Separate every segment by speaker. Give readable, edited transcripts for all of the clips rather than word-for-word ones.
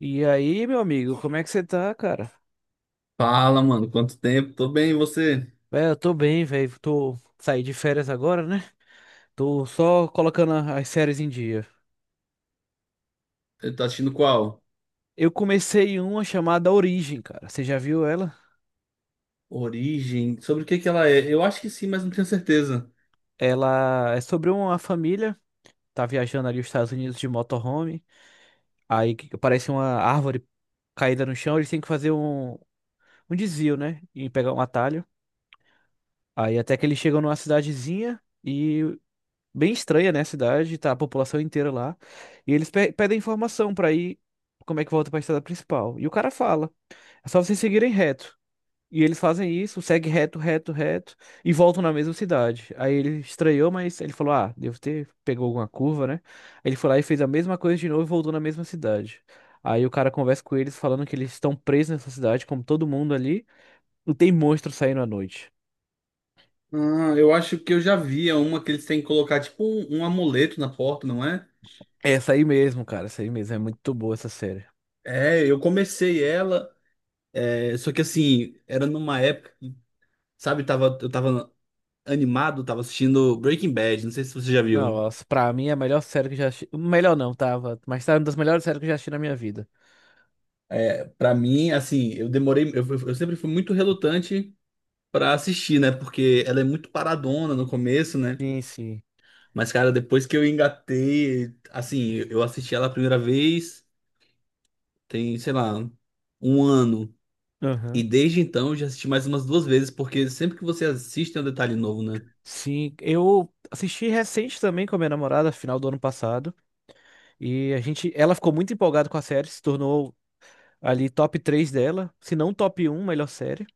Speaker 1: E aí, meu amigo, como é que você tá, cara?
Speaker 2: Fala, mano, quanto tempo? Tô bem, e você?
Speaker 1: Véi, eu tô bem, velho. Tô saí de férias agora, né? Tô só colocando as séries em dia.
Speaker 2: Ele Tá assistindo qual?
Speaker 1: Eu comecei uma chamada Origem, cara. Você já viu ela?
Speaker 2: Origem? Sobre o que que ela é? Eu acho que sim, mas não tenho certeza.
Speaker 1: Ela é sobre uma família, tá viajando ali os Estados Unidos de motorhome. Aí que aparece uma árvore caída no chão, eles têm que fazer um desvio, né? E pegar um atalho. Aí até que eles chegam numa cidadezinha, e bem estranha, né, a cidade, tá a população inteira lá. E eles pedem informação pra ir como é que volta pra estrada principal. E o cara fala, é só vocês seguirem reto. E eles fazem isso, segue reto, reto, reto e voltam na mesma cidade. Aí ele estranhou, mas ele falou: "Ah, devo ter pegou alguma curva, né?" Ele foi lá e fez a mesma coisa de novo e voltou na mesma cidade. Aí o cara conversa com eles falando que eles estão presos nessa cidade, como todo mundo ali, e tem monstro saindo à noite.
Speaker 2: Ah, eu acho que eu já vi é uma que eles têm que colocar tipo um amuleto na porta, não é?
Speaker 1: É essa aí mesmo, cara, essa aí mesmo, é muito boa essa série.
Speaker 2: É, eu comecei ela, é, só que assim, era numa época, que, sabe, eu tava animado, tava assistindo Breaking Bad, não sei se você já
Speaker 1: Não,
Speaker 2: viu.
Speaker 1: nossa, pra mim é a melhor série que eu já assisti. Melhor não, tava. Mas tá uma das melhores séries que eu já assisti na minha vida.
Speaker 2: Pra mim, assim, eu demorei, eu sempre fui muito relutante pra assistir, né? Porque ela é muito paradona no começo, né?
Speaker 1: Sim, sim.
Speaker 2: Mas, cara, depois que eu engatei, assim, eu assisti ela a primeira vez, tem, sei lá, um ano. E
Speaker 1: Aham.
Speaker 2: desde então eu já assisti mais umas duas vezes, porque sempre que você assiste tem um detalhe novo, né?
Speaker 1: Sim, eu assisti recente também com a minha namorada, final do ano passado. E a gente, ela ficou muito empolgada com a série, se tornou ali top 3 dela, se não top um melhor série.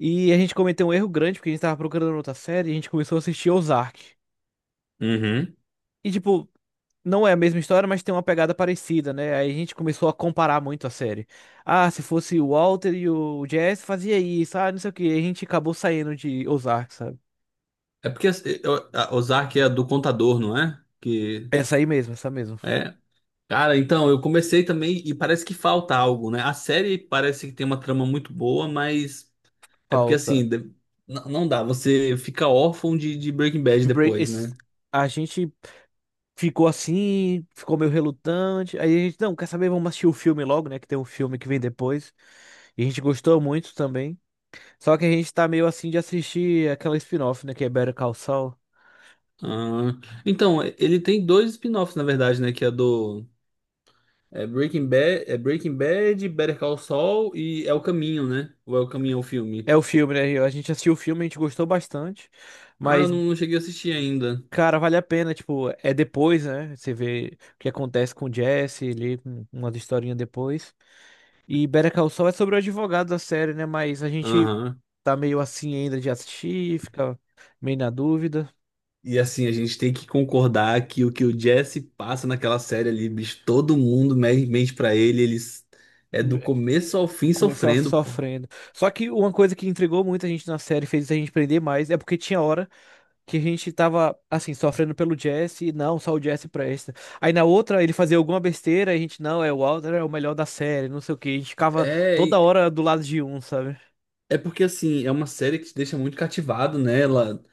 Speaker 1: E a gente cometeu um erro grande, porque a gente tava procurando outra série e a gente começou a assistir Ozark.
Speaker 2: Uhum.
Speaker 1: E tipo, não é a mesma história, mas tem uma pegada parecida, né? Aí a gente começou a comparar muito a série. Ah, se fosse o Walter e o Jesse fazia isso, ah, não sei o quê. Aí a gente acabou saindo de Ozark, sabe?
Speaker 2: É porque Ozark é do contador, não é? Que
Speaker 1: Essa aí mesmo, essa mesmo.
Speaker 2: é. Cara, então, eu comecei também e parece que falta algo, né? A série parece que tem uma trama muito boa, mas é porque
Speaker 1: Falta.
Speaker 2: assim, não dá, você fica órfão de Breaking Bad
Speaker 1: De Bra-
Speaker 2: depois,
Speaker 1: esse-
Speaker 2: né?
Speaker 1: A gente ficou assim, ficou meio relutante. Aí a gente, não, quer saber? Vamos assistir o filme logo, né? Que tem um filme que vem depois. E a gente gostou muito também. Só que a gente tá meio assim de assistir aquela spin-off, né? Que é Better Call Saul.
Speaker 2: Ah, então, ele tem dois spin-offs, na verdade, né? Que é do. É Breaking Bad, Better Call Saul e É o Caminho, né? Ou É o Caminho é o
Speaker 1: É
Speaker 2: filme.
Speaker 1: o filme, né? A gente assistiu o filme, a gente gostou bastante.
Speaker 2: Ah, eu
Speaker 1: Mas
Speaker 2: não cheguei a assistir ainda.
Speaker 1: cara, vale a pena, tipo, é depois, né? Você vê o que acontece com o Jesse, ali, umas historinhas depois. E Better Call Saul é sobre o advogado da série, né? Mas a gente
Speaker 2: Aham.
Speaker 1: tá meio assim ainda de assistir, fica meio na dúvida.
Speaker 2: E assim, a gente tem que concordar que o Jesse passa naquela série ali, bicho, todo mundo mente pra ele, eles é do
Speaker 1: É,
Speaker 2: começo
Speaker 1: é,
Speaker 2: ao fim
Speaker 1: começar
Speaker 2: sofrendo, pô.
Speaker 1: sofrendo. Só que uma coisa que intrigou muito a gente na série, fez a gente prender mais, é porque tinha hora que a gente tava, assim, sofrendo pelo Jesse, não, só o Jesse presta. Aí na outra ele fazia alguma besteira, a gente, não, é o Walter é o melhor da série, não sei o quê. A gente ficava
Speaker 2: É,
Speaker 1: toda hora do lado de um, sabe?
Speaker 2: é porque assim, é uma série que te deixa muito cativado, né? Ela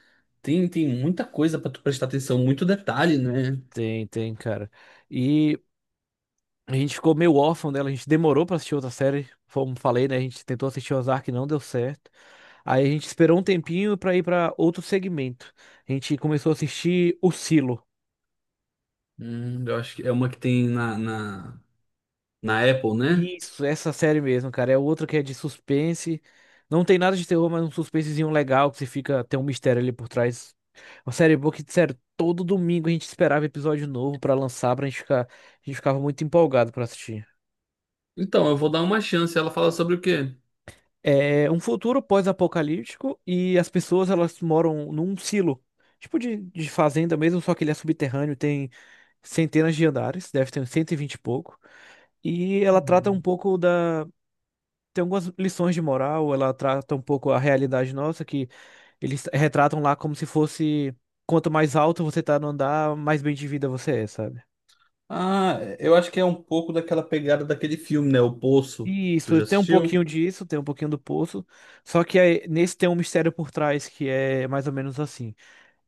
Speaker 2: tem muita coisa pra tu prestar atenção, muito detalhe, né?
Speaker 1: Tem, tem, cara. E a gente ficou meio órfão dela, a gente demorou pra assistir outra série, como falei, né? A gente tentou assistir Ozark, e não deu certo. Aí a gente esperou um tempinho pra ir pra outro segmento. A gente começou a assistir O Silo.
Speaker 2: Eu acho que é uma que tem na Apple, né?
Speaker 1: Isso, essa série mesmo, cara. É outra que é de suspense. Não tem nada de terror, mas um suspensezinho legal que você fica. Tem um mistério ali por trás. Uma série boa que, sério, todo domingo a gente esperava episódio novo pra lançar, pra gente ficar. A gente ficava muito empolgado pra assistir.
Speaker 2: Então, eu vou dar uma chance. Ela fala sobre o quê?
Speaker 1: É um futuro pós-apocalíptico e as pessoas elas moram num silo. Tipo de fazenda mesmo, só que ele é subterrâneo, tem centenas de andares, deve ter uns 120 e vinte e pouco. E ela trata um
Speaker 2: Hum.
Speaker 1: pouco da tem algumas lições de moral, ela trata um pouco a realidade nossa, que eles retratam lá como se fosse quanto mais alto você tá no andar, mais bem de vida você é, sabe?
Speaker 2: Ah, eu acho que é um pouco daquela pegada daquele filme, né? O Poço.
Speaker 1: E
Speaker 2: Tu
Speaker 1: isso
Speaker 2: já
Speaker 1: tem um
Speaker 2: assistiu?
Speaker 1: pouquinho disso, tem um pouquinho do poço, só que aí, nesse tem um mistério por trás que é mais ou menos assim.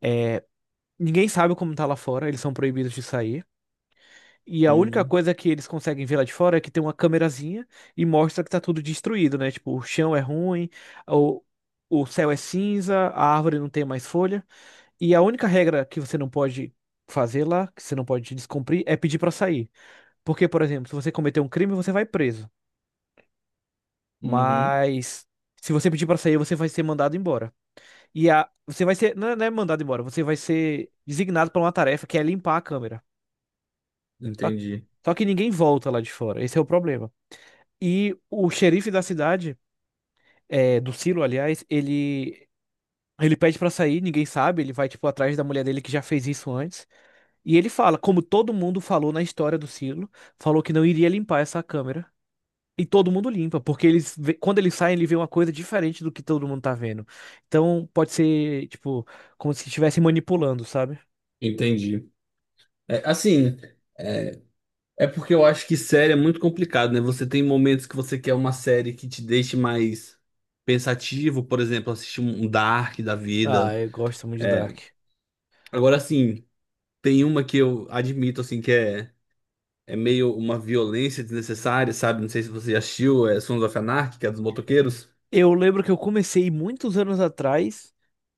Speaker 1: É, ninguém sabe como tá lá fora, eles são proibidos de sair. E a única
Speaker 2: Uhum,
Speaker 1: coisa que eles conseguem ver lá de fora é que tem uma câmerazinha e mostra que tá tudo destruído, né? Tipo, o chão é ruim, o, o céu é cinza, a árvore não tem mais folha. E a única regra que você não pode fazer lá, que você não pode descumprir, é pedir pra sair. Porque, por exemplo, se você cometer um crime, você vai preso.
Speaker 2: uhum.
Speaker 1: Mas se você pedir pra sair, você vai ser mandado embora. E a você vai ser não é mandado embora, você vai ser designado para uma tarefa que é limpar a câmera. Só
Speaker 2: Entendi,
Speaker 1: só que ninguém volta lá de fora. Esse é o problema. E o xerife da cidade, é, do Silo, aliás, ele ele pede pra sair, ninguém sabe, ele vai tipo atrás da mulher dele que já fez isso antes. E ele fala, como todo mundo falou na história do Silo, falou que não iria limpar essa câmera. E todo mundo limpa, porque eles, quando eles saem, ele vê uma coisa diferente do que todo mundo tá vendo. Então, pode ser, tipo, como se estivesse manipulando, sabe?
Speaker 2: entendi. É, assim, é, é porque eu acho que série é muito complicado, né? Você tem momentos que você quer uma série que te deixe mais pensativo, por exemplo, assistir um Dark da
Speaker 1: Ah,
Speaker 2: vida.
Speaker 1: eu gosto muito de Dark.
Speaker 2: Agora, assim, tem uma que eu admito, assim, que é meio uma violência desnecessária, sabe? Não sei se você já assistiu, é Sons of Anarchy, que é dos motoqueiros.
Speaker 1: Eu lembro que eu comecei muitos anos atrás,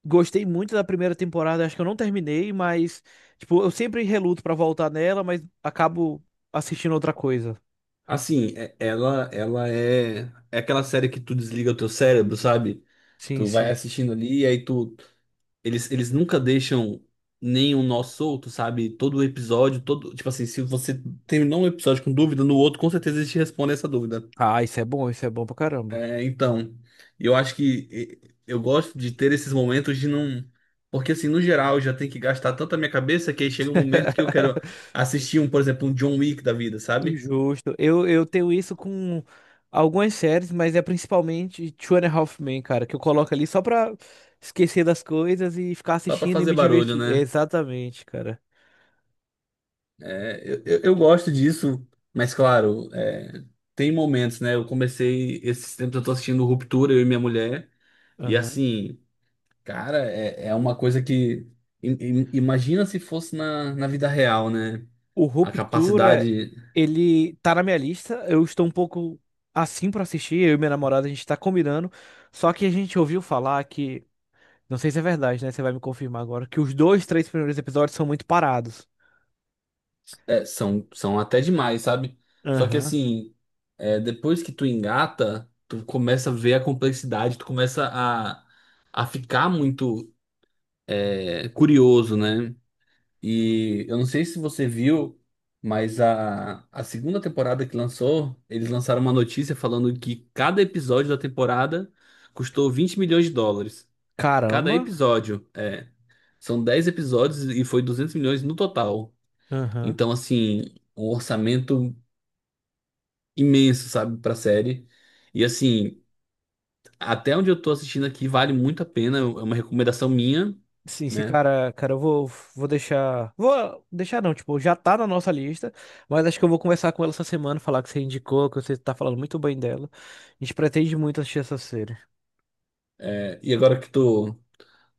Speaker 1: gostei muito da primeira temporada, acho que eu não terminei, mas, tipo, eu sempre reluto pra voltar nela, mas acabo assistindo outra coisa.
Speaker 2: Assim, ela é aquela série que tu desliga o teu cérebro, sabe?
Speaker 1: Sim,
Speaker 2: Tu vai
Speaker 1: sim.
Speaker 2: assistindo ali e aí tu eles nunca deixam nenhum nó solto, sabe? Todo episódio, todo, tipo assim, se você terminou um episódio com dúvida, no outro com certeza eles te respondem essa dúvida.
Speaker 1: Ah, isso é bom pra caramba.
Speaker 2: É, então, eu acho que eu gosto de ter esses momentos de não. Porque, assim, no geral, eu já tenho que gastar tanta minha cabeça que aí chega um momento que eu quero assistir um, por exemplo, um John Wick da vida, sabe?
Speaker 1: Justo. Eu tenho isso com algumas séries, mas é principalmente Two and a Half Men, cara, que eu coloco ali só pra esquecer das coisas e ficar
Speaker 2: Só pra
Speaker 1: assistindo e
Speaker 2: fazer
Speaker 1: me
Speaker 2: barulho,
Speaker 1: divertir.
Speaker 2: né?
Speaker 1: Exatamente, cara.
Speaker 2: É, eu gosto disso, mas claro, tem momentos, né? Esses tempos eu tô assistindo Ruptura, eu e minha mulher, e
Speaker 1: Aham.
Speaker 2: assim, cara, é uma coisa que. Imagina se fosse na vida real, né?
Speaker 1: O
Speaker 2: A
Speaker 1: Ruptura,
Speaker 2: capacidade.
Speaker 1: ele tá na minha lista. Eu estou um pouco assim pra assistir. Eu e minha namorada, a gente tá combinando. Só que a gente ouviu falar que, não sei se é verdade, né? Você vai me confirmar agora, que os dois, três primeiros episódios são muito parados.
Speaker 2: É, são até demais, sabe? Só que
Speaker 1: Aham.
Speaker 2: assim, depois que tu engata, tu começa a ver a complexidade, tu começa a ficar muito curioso, né? E eu não sei se você viu, mas a segunda temporada que lançou, eles lançaram uma notícia falando que cada episódio da temporada custou 20 milhões de dólares. Cada
Speaker 1: Caramba.
Speaker 2: episódio, é. São 10 episódios e foi 200 milhões no total.
Speaker 1: Aham.
Speaker 2: Então, assim, um orçamento imenso, sabe, pra série. E assim, até onde eu tô assistindo aqui, vale muito a pena. É uma recomendação minha,
Speaker 1: Sim, esse
Speaker 2: né?
Speaker 1: cara, cara, vou deixar. Vou deixar não, tipo, já tá na nossa lista, mas acho que eu vou conversar com ela essa semana, falar que você indicou, que você tá falando muito bem dela. A gente pretende muito assistir essa série.
Speaker 2: É, e agora que tu,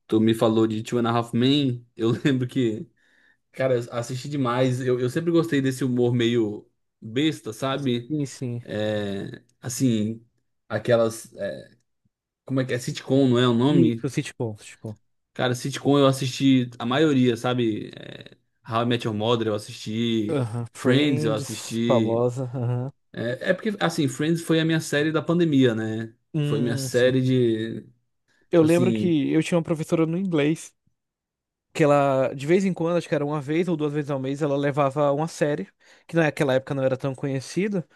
Speaker 2: tu me falou de Two and a Half Men, eu lembro que, cara, eu assisti demais. Eu sempre gostei desse humor meio besta, sabe?
Speaker 1: Sim, sim.
Speaker 2: É, assim, aquelas. Como é que é? Sitcom, não é o
Speaker 1: E
Speaker 2: nome?
Speaker 1: o sitcom.
Speaker 2: Cara, sitcom eu assisti a maioria, sabe? É, How I Met Your Mother eu assisti.
Speaker 1: Aham,
Speaker 2: Friends eu
Speaker 1: Friends,
Speaker 2: assisti.
Speaker 1: famosa. Aham.
Speaker 2: É porque, assim, Friends foi a minha série da pandemia, né? Foi minha
Speaker 1: Sim.
Speaker 2: série de.
Speaker 1: Eu
Speaker 2: Tipo
Speaker 1: lembro
Speaker 2: assim.
Speaker 1: que eu tinha uma professora no inglês, que ela, de vez em quando, acho que era uma vez ou duas vezes ao mês, ela levava uma série, que naquela época não era tão conhecida.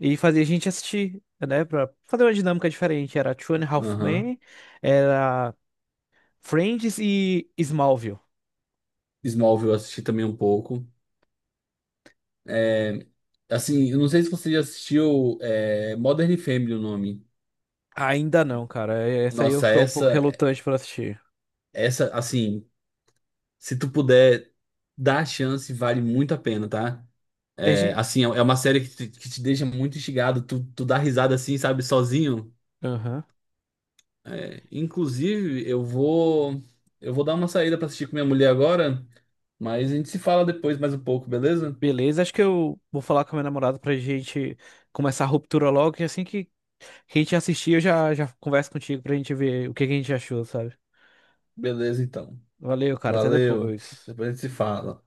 Speaker 1: E fazia a gente assistir, né? Pra fazer uma dinâmica diferente. Era Two and a Half
Speaker 2: Aham.
Speaker 1: Men, era Friends e Smallville.
Speaker 2: Smallville eu assisti também um pouco. É, assim, eu não sei se você já assistiu Modern Family, o nome.
Speaker 1: Ainda não, cara. É, essa aí eu
Speaker 2: Nossa,
Speaker 1: tô um pouco
Speaker 2: essa,
Speaker 1: relutante pra assistir.
Speaker 2: essa, assim, se tu puder dar a chance, vale muito a pena, tá?
Speaker 1: A
Speaker 2: É,
Speaker 1: gente...
Speaker 2: assim, é uma série que te deixa muito instigado. Tu dá risada assim, sabe, sozinho.
Speaker 1: Aham.
Speaker 2: É, inclusive, eu vou dar uma saída pra assistir com minha mulher agora, mas a gente se fala depois mais um pouco, beleza?
Speaker 1: Beleza, acho que eu vou falar com a minha namorada pra gente começar a ruptura logo. E assim que a gente assistir, eu já converso contigo pra gente ver o que que a gente achou, sabe?
Speaker 2: Beleza, então.
Speaker 1: Valeu, cara. Até
Speaker 2: Valeu.
Speaker 1: depois.
Speaker 2: Depois a gente se fala.